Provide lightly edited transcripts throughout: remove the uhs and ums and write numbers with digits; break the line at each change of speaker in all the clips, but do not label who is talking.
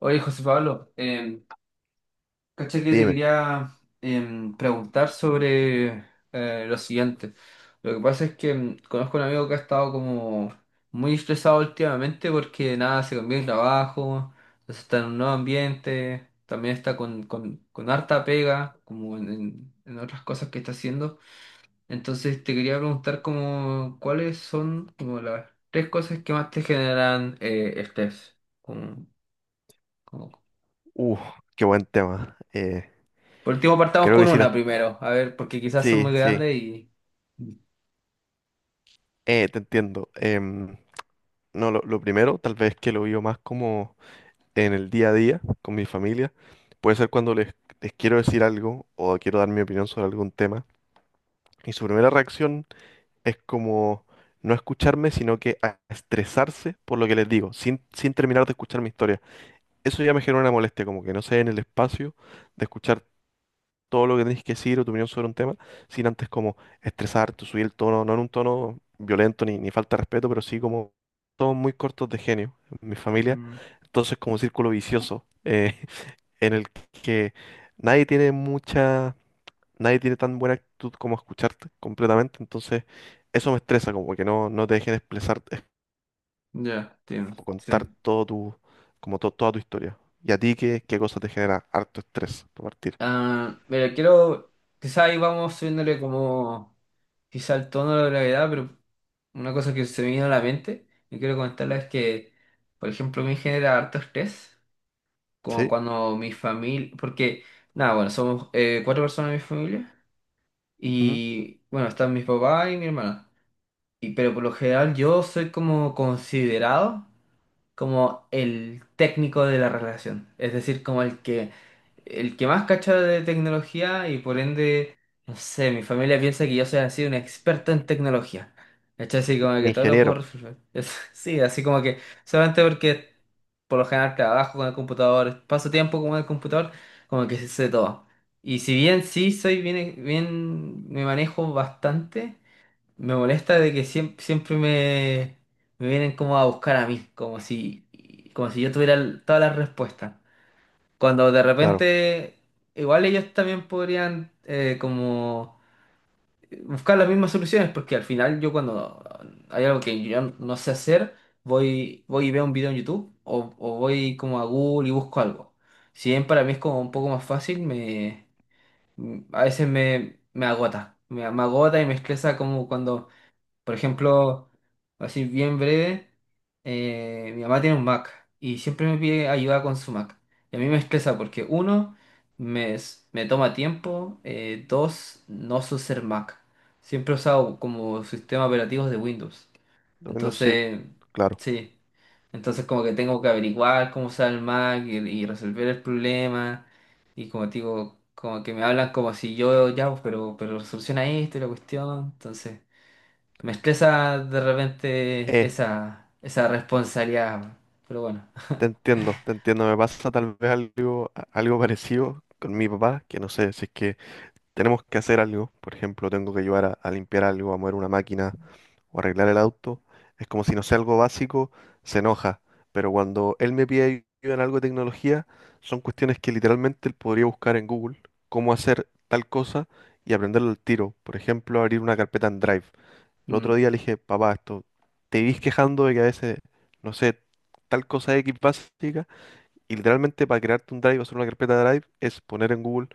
Oye, José Pablo, caché que te
Dime.
quería preguntar sobre lo siguiente. Lo que pasa es que conozco a un amigo que ha estado como muy estresado últimamente porque nada, se cambió de trabajo, entonces está en un nuevo ambiente, también está con harta pega, como en otras cosas que está haciendo. Entonces te quería preguntar como cuáles son como las tres cosas que más te generan estrés.
uh, Qué buen tema.
Por último, partamos
Creo que
con
sí,
una primero. A ver, porque quizás son
sí,
muy
sí,
grandes y.
te entiendo. No, lo primero, tal vez que lo vivo más como en el día a día con mi familia, puede ser cuando les quiero decir algo o quiero dar mi opinión sobre algún tema. Y su primera reacción es como no escucharme, sino que a estresarse por lo que les digo, sin terminar de escuchar mi historia. Eso ya me genera una molestia, como que no se den el espacio de escuchar todo lo que tenéis que decir o tu opinión sobre un tema, sin antes como estresarte, subir el tono, no en un tono violento ni falta de respeto, pero sí como todos muy cortos de genio en mi familia,
Mm,
entonces como un círculo vicioso en el que nadie tiene nadie tiene tan buena actitud como escucharte completamente, entonces eso me estresa, como que no te dejen expresar,
Ya, entiendo. Sí.
contar todo tu, como toda tu historia. ¿Y a ti qué, qué cosa te genera harto estrés por partir?
Ah, mira, quiero. Quizás ahí vamos subiéndole como. Quizá el tono de la gravedad, pero una cosa que se me vino a la mente y quiero comentarla es que, por ejemplo, me genera harto estrés. Como
¿Sí?
cuando mi familia. Porque, nada, bueno, somos 4 personas en mi familia.
Ujú.
Y bueno, están mis papás y mi hermana. Y, pero por lo general yo soy como considerado, como el técnico de la relación, es decir, como el que más cacha de tecnología y por ende, no sé, mi familia piensa que yo soy así un experto en tecnología. ¿Cachai? Así como que todo lo puedo
Ingeniero,
resolver. Es- Sí, así como que solamente porque por lo general trabajo con el computador, paso tiempo con el computador, como que sé todo. Y si bien sí soy bien, me manejo bastante, me molesta de que siempre me vienen como a buscar a mí, como si yo tuviera todas las respuestas. Cuando de
claro.
repente, igual ellos también podrían como buscar las mismas soluciones, porque al final yo cuando hay algo que yo no sé hacer, voy y veo un video en YouTube o voy como a Google y busco algo. Si bien para mí es como un poco más fácil, a veces me agota. Me agota y me estresa como cuando por ejemplo, así bien breve, mi mamá tiene un Mac y siempre me pide ayuda con su Mac. Y a mí me estresa porque uno, me toma tiempo, dos, no sé ser Mac. Siempre he usado como sistema operativo de Windows.
Domingo, sí, po,
Entonces,
claro.
sí. Entonces como que tengo que averiguar cómo usar el Mac y resolver el problema. Y como te digo, como que me hablan como si yo, ya, pues, pero soluciona esto y la cuestión. Entonces... me estresa de repente
Eh,
esa responsabilidad, pero bueno.
Te entiendo, te entiendo. Me pasa tal vez algo, algo parecido con mi papá, que no sé, si es que tenemos que hacer algo, por ejemplo, tengo que ayudar a limpiar algo, a mover una máquina o arreglar el auto, es como si no sea algo básico, se enoja. Pero cuando él me pide ayuda en algo de tecnología, son cuestiones que literalmente él podría buscar en Google, cómo hacer tal cosa y aprenderlo al tiro. Por ejemplo, abrir una carpeta en Drive. El
Mm,
otro día le dije, papá, esto, te vivís quejando de que a veces, no sé, tal cosa X básica, y literalmente para crearte un drive o hacer una carpeta de drive es poner en Google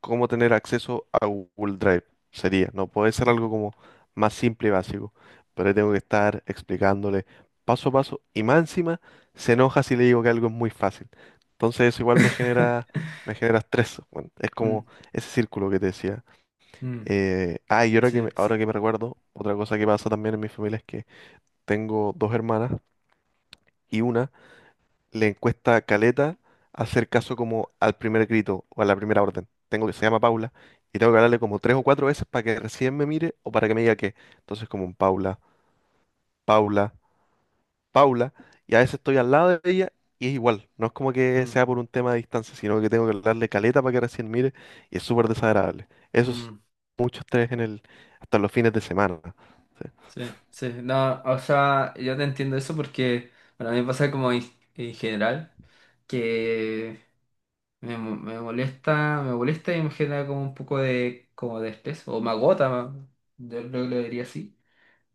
cómo tener acceso a Google Drive. Sería, no puede ser algo
mm.
como más simple y básico, pero ahí tengo que estar explicándole paso a paso, y más encima se enoja si le digo que algo es muy fácil. Entonces eso igual me genera estrés. Bueno, es
Mm,
como ese círculo que te decía.
mm,
Y
sí, sí,
ahora que me recuerdo, otra cosa que pasa también en mi familia es que tengo dos hermanas y una le cuesta caleta hacer caso como al primer grito o a la primera orden. Tengo que se llama Paula y tengo que hablarle como tres o cuatro veces para que recién me mire o para que me diga que. Entonces como un Paula, Paula, Paula y a veces estoy al lado de ella y es igual. No es como que sea
mm,
por un tema de distancia, sino que tengo que hablarle caleta para que recién mire y es súper desagradable. Eso es
mm,
mucho estrés en el hasta los fines de semana. ¿Sí?
sí, sí. No, o sea, yo te entiendo eso porque, bueno, a mí me pasa como en general que me molesta y me genera como un poco de, como de estrés, o me agota, yo creo que lo diría así,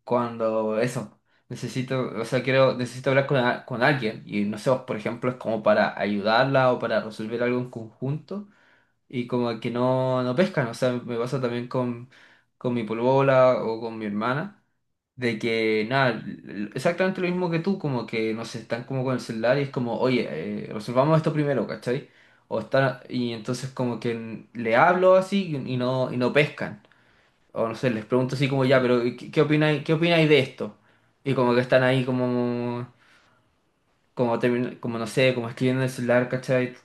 cuando eso, necesito, o sea, quiero, necesito hablar con alguien y no sé, por ejemplo, es como para ayudarla o para resolver algo en conjunto y como que no, no pescan, o sea, me pasa también con mi polola o con mi hermana, de que nada, exactamente lo mismo que tú, como que no sé, están como con el celular y es como, oye, resolvamos esto primero, ¿cachai? O están, y entonces como que le hablo así y no, y no pescan o no sé, les pregunto así como ya,
Sí.
pero ¿qué, qué opináis de esto? Y como que están ahí como, como, como no sé, como escribiendo en el celular, ¿cachai?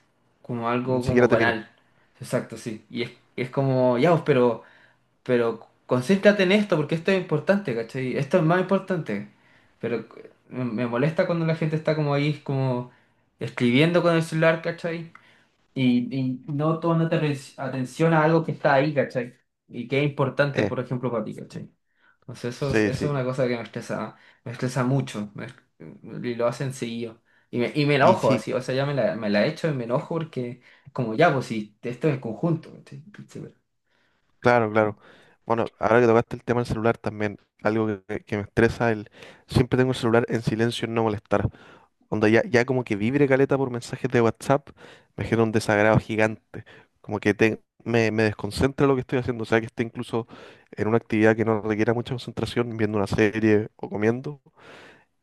Como
Ni
algo
siquiera
como
te miran.
banal. Exacto, sí. Y es como, ya, pues, pero concéntrate en esto porque esto es importante, ¿cachai? Esto es más importante. Pero me molesta cuando la gente está como ahí, como escribiendo con el celular, ¿cachai? Y no tomando atención a algo que está ahí, ¿cachai? Y que es importante,
Eh,
por ejemplo, para ti, ¿cachai? Entonces eso,
sí,
eso
sí.
es una cosa que me estresa mucho, me y lo hacen seguido. Y y me
Y
enojo
sí,
así, o sea, ya me la echo y me enojo porque como ya, pues si esto es en conjunto, ¿cachai? Sí, pero-
claro, claro. Bueno, ahora que tocaste el tema del celular también, algo que, que me estresa, el siempre tengo el celular en silencio en no molestar. Cuando ya como que vibre caleta por mensajes de WhatsApp, me genera un desagrado gigante. Como que me, me desconcentra lo que estoy haciendo. O sea, que esté incluso en una actividad que no requiera mucha concentración, viendo una serie o comiendo.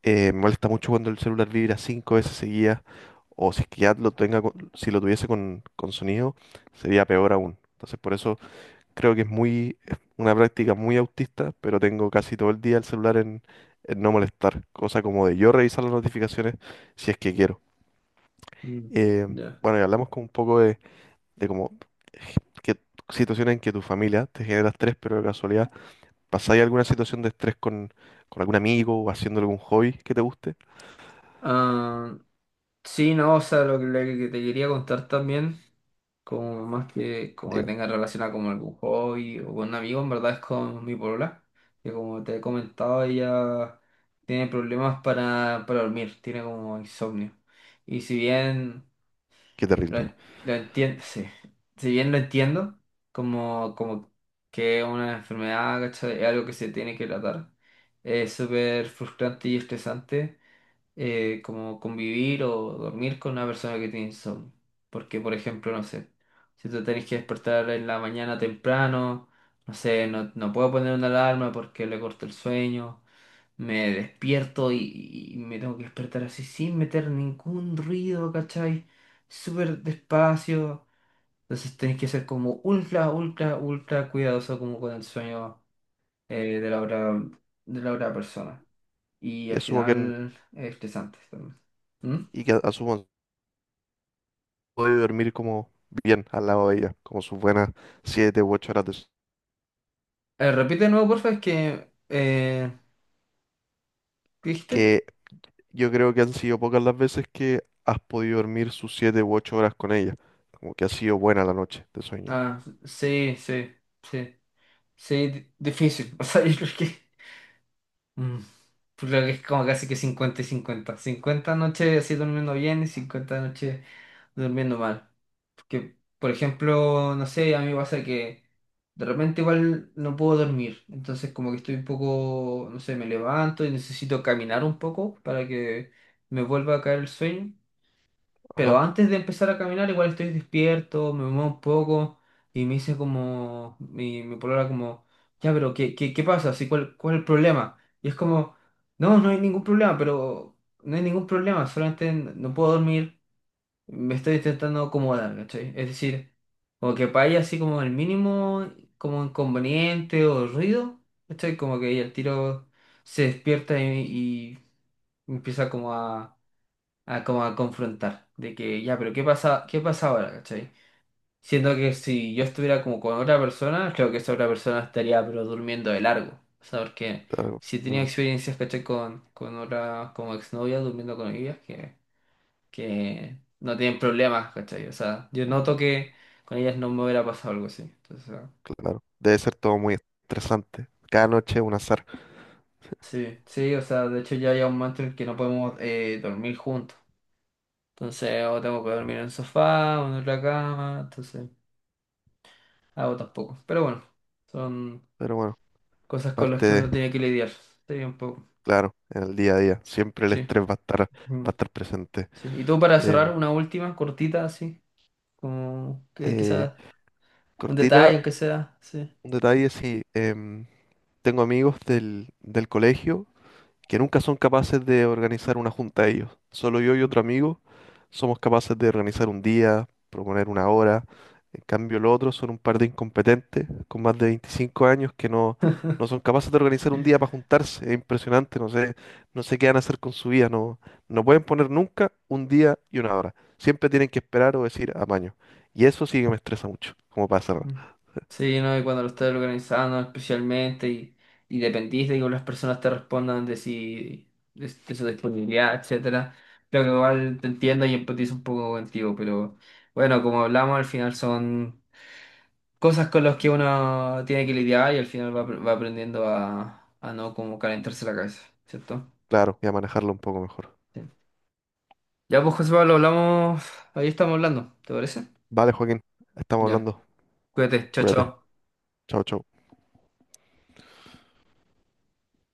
Me molesta mucho cuando el celular vibra cinco veces seguidas, o si es que ya lo tenga, si lo tuviese con sonido, sería peor aún. Entonces, por eso creo que es muy, es una práctica muy autista, pero tengo casi todo el día el celular en no molestar, cosa como de yo revisar las notificaciones si es que quiero.
Mm,
Eh,
ya.
bueno, y hablamos con un poco de como que situaciones en que tu familia te genera estrés, pero de casualidad, ¿pasáis alguna situación de estrés con algún amigo o haciendo algún hobby que te guste?
Ah, sí, no, o sea, lo que te quería contar también, como más que como que
Digo,
tenga relación a como algún hobby o con un amigo, en verdad es con mi polola, que como te he comentado, ella tiene problemas para dormir, tiene como insomnio. Y si bien
qué
lo,
terrible.
lo entiendo, sí. Si bien lo entiendo, como que una enfermedad, ¿cachai? Es algo que se tiene que tratar. Es súper frustrante y estresante como convivir o dormir con una persona que tiene insomnio. Porque, por ejemplo, no sé, si tú tenés que despertar en la mañana temprano, no sé, no puedo poner una alarma porque le corto el sueño. Me despierto y me tengo que despertar así sin meter ningún ruido, ¿cachai? Súper despacio. Entonces tenés que ser como ultra, ultra, ultra cuidadoso como con el sueño, eh, de la otra, de la otra persona. Y
Y
al
asumo que,
final es estresante también. ¿Mm?
y que asumo puede dormir como bien al lado de ella, como sus buenas 7 u 8 horas de sueño.
Repite de nuevo, porfa, es que... eh, ¿qué dijiste?
Que yo creo que han sido pocas las veces que has podido dormir sus 7 u 8 horas con ella, como que ha sido buena la noche de sueño.
Ah, sí, sí, sí. Sí, di- difícil. O sea, yo creo que... Mm, pues creo que es como casi que 50 y 50 50 noches así durmiendo bien y 50 noches durmiendo mal. Porque, por ejemplo, no sé, a mí me pasa que de repente igual no puedo dormir. Entonces como que estoy un poco, no sé, me levanto y necesito caminar un poco para que me vuelva a caer el sueño. Pero
Ajá,
antes de empezar a caminar, igual estoy despierto, me muevo un poco y me dice como, mi polola como, ya, pero ¿qué, qué, qué pasa? Así, ¿cuál, cuál es el problema? Y es como, no hay ningún problema, pero no hay ningún problema, solamente no puedo dormir, me estoy intentando acomodar, ¿cachai? Es decir, como que para ella así como el mínimo, como inconveniente o ruido, ¿cachai? Como que ella el tiro se despierta y empieza como a como a confrontar, de que ya, pero qué pasa ahora, ¿cachai? Siendo que si yo estuviera como con otra persona, creo que esa otra persona estaría pero durmiendo de largo, o sea, porque
algo.
si tenía
Mm,
experiencias, ¿cachai? Con otras como exnovias, durmiendo con ellas, que no tienen problemas, ¿cachai? O sea, yo noto que con ellas no me hubiera pasado algo así, entonces, o sea,
claro, debe ser todo muy estresante. Cada noche es un azar,
sí, sí, o sea, de hecho ya hay un momento en el que no podemos dormir juntos. Entonces, o tengo que dormir en el sofá, o en otra cama, entonces... hago tampoco. Pero bueno, son
pero bueno,
cosas con las
parte
que
de,
uno tiene que lidiar. Sí, un poco.
claro, en el día a día, siempre el
Sí.
estrés va
Mm,
a estar presente.
sí. Y tú para
Em,
cerrar, una última, cortita, así, como que
eh,
quizás un detalle,
cortita,
aunque sea. Sí.
un detalle, sí. Tengo amigos del, del colegio que nunca son capaces de organizar una junta ellos. Solo yo y
Mm.
otro amigo somos capaces de organizar un día, proponer una hora. En cambio, los otros son un par de incompetentes con más de 25 años que no son capaces de organizar un día para juntarse. Es impresionante, no sé, no sé qué van a hacer con su vida. No, no pueden poner nunca un día y una hora. Siempre tienen que esperar o decir amaño. Y eso sí que me estresa mucho, como para cerrar.
Mm. Sí, ¿no? Y cuando lo estás organizando especialmente y dependís de que las personas te respondan de si de su disponibilidad, etcétera. Creo que igual te entiendo y empatizo un poco contigo, pero bueno, como hablamos, al final son cosas con las que uno tiene que lidiar y al final va aprendiendo a no como calentarse la cabeza, ¿cierto?
Claro, voy a manejarlo un poco mejor.
Sí. Ya pues José Pablo, hablamos, ahí estamos hablando, ¿te parece?
Vale, Joaquín, estamos
Ya,
hablando.
cuídate, chao,
Cuídate.
chao.
Chao, chao.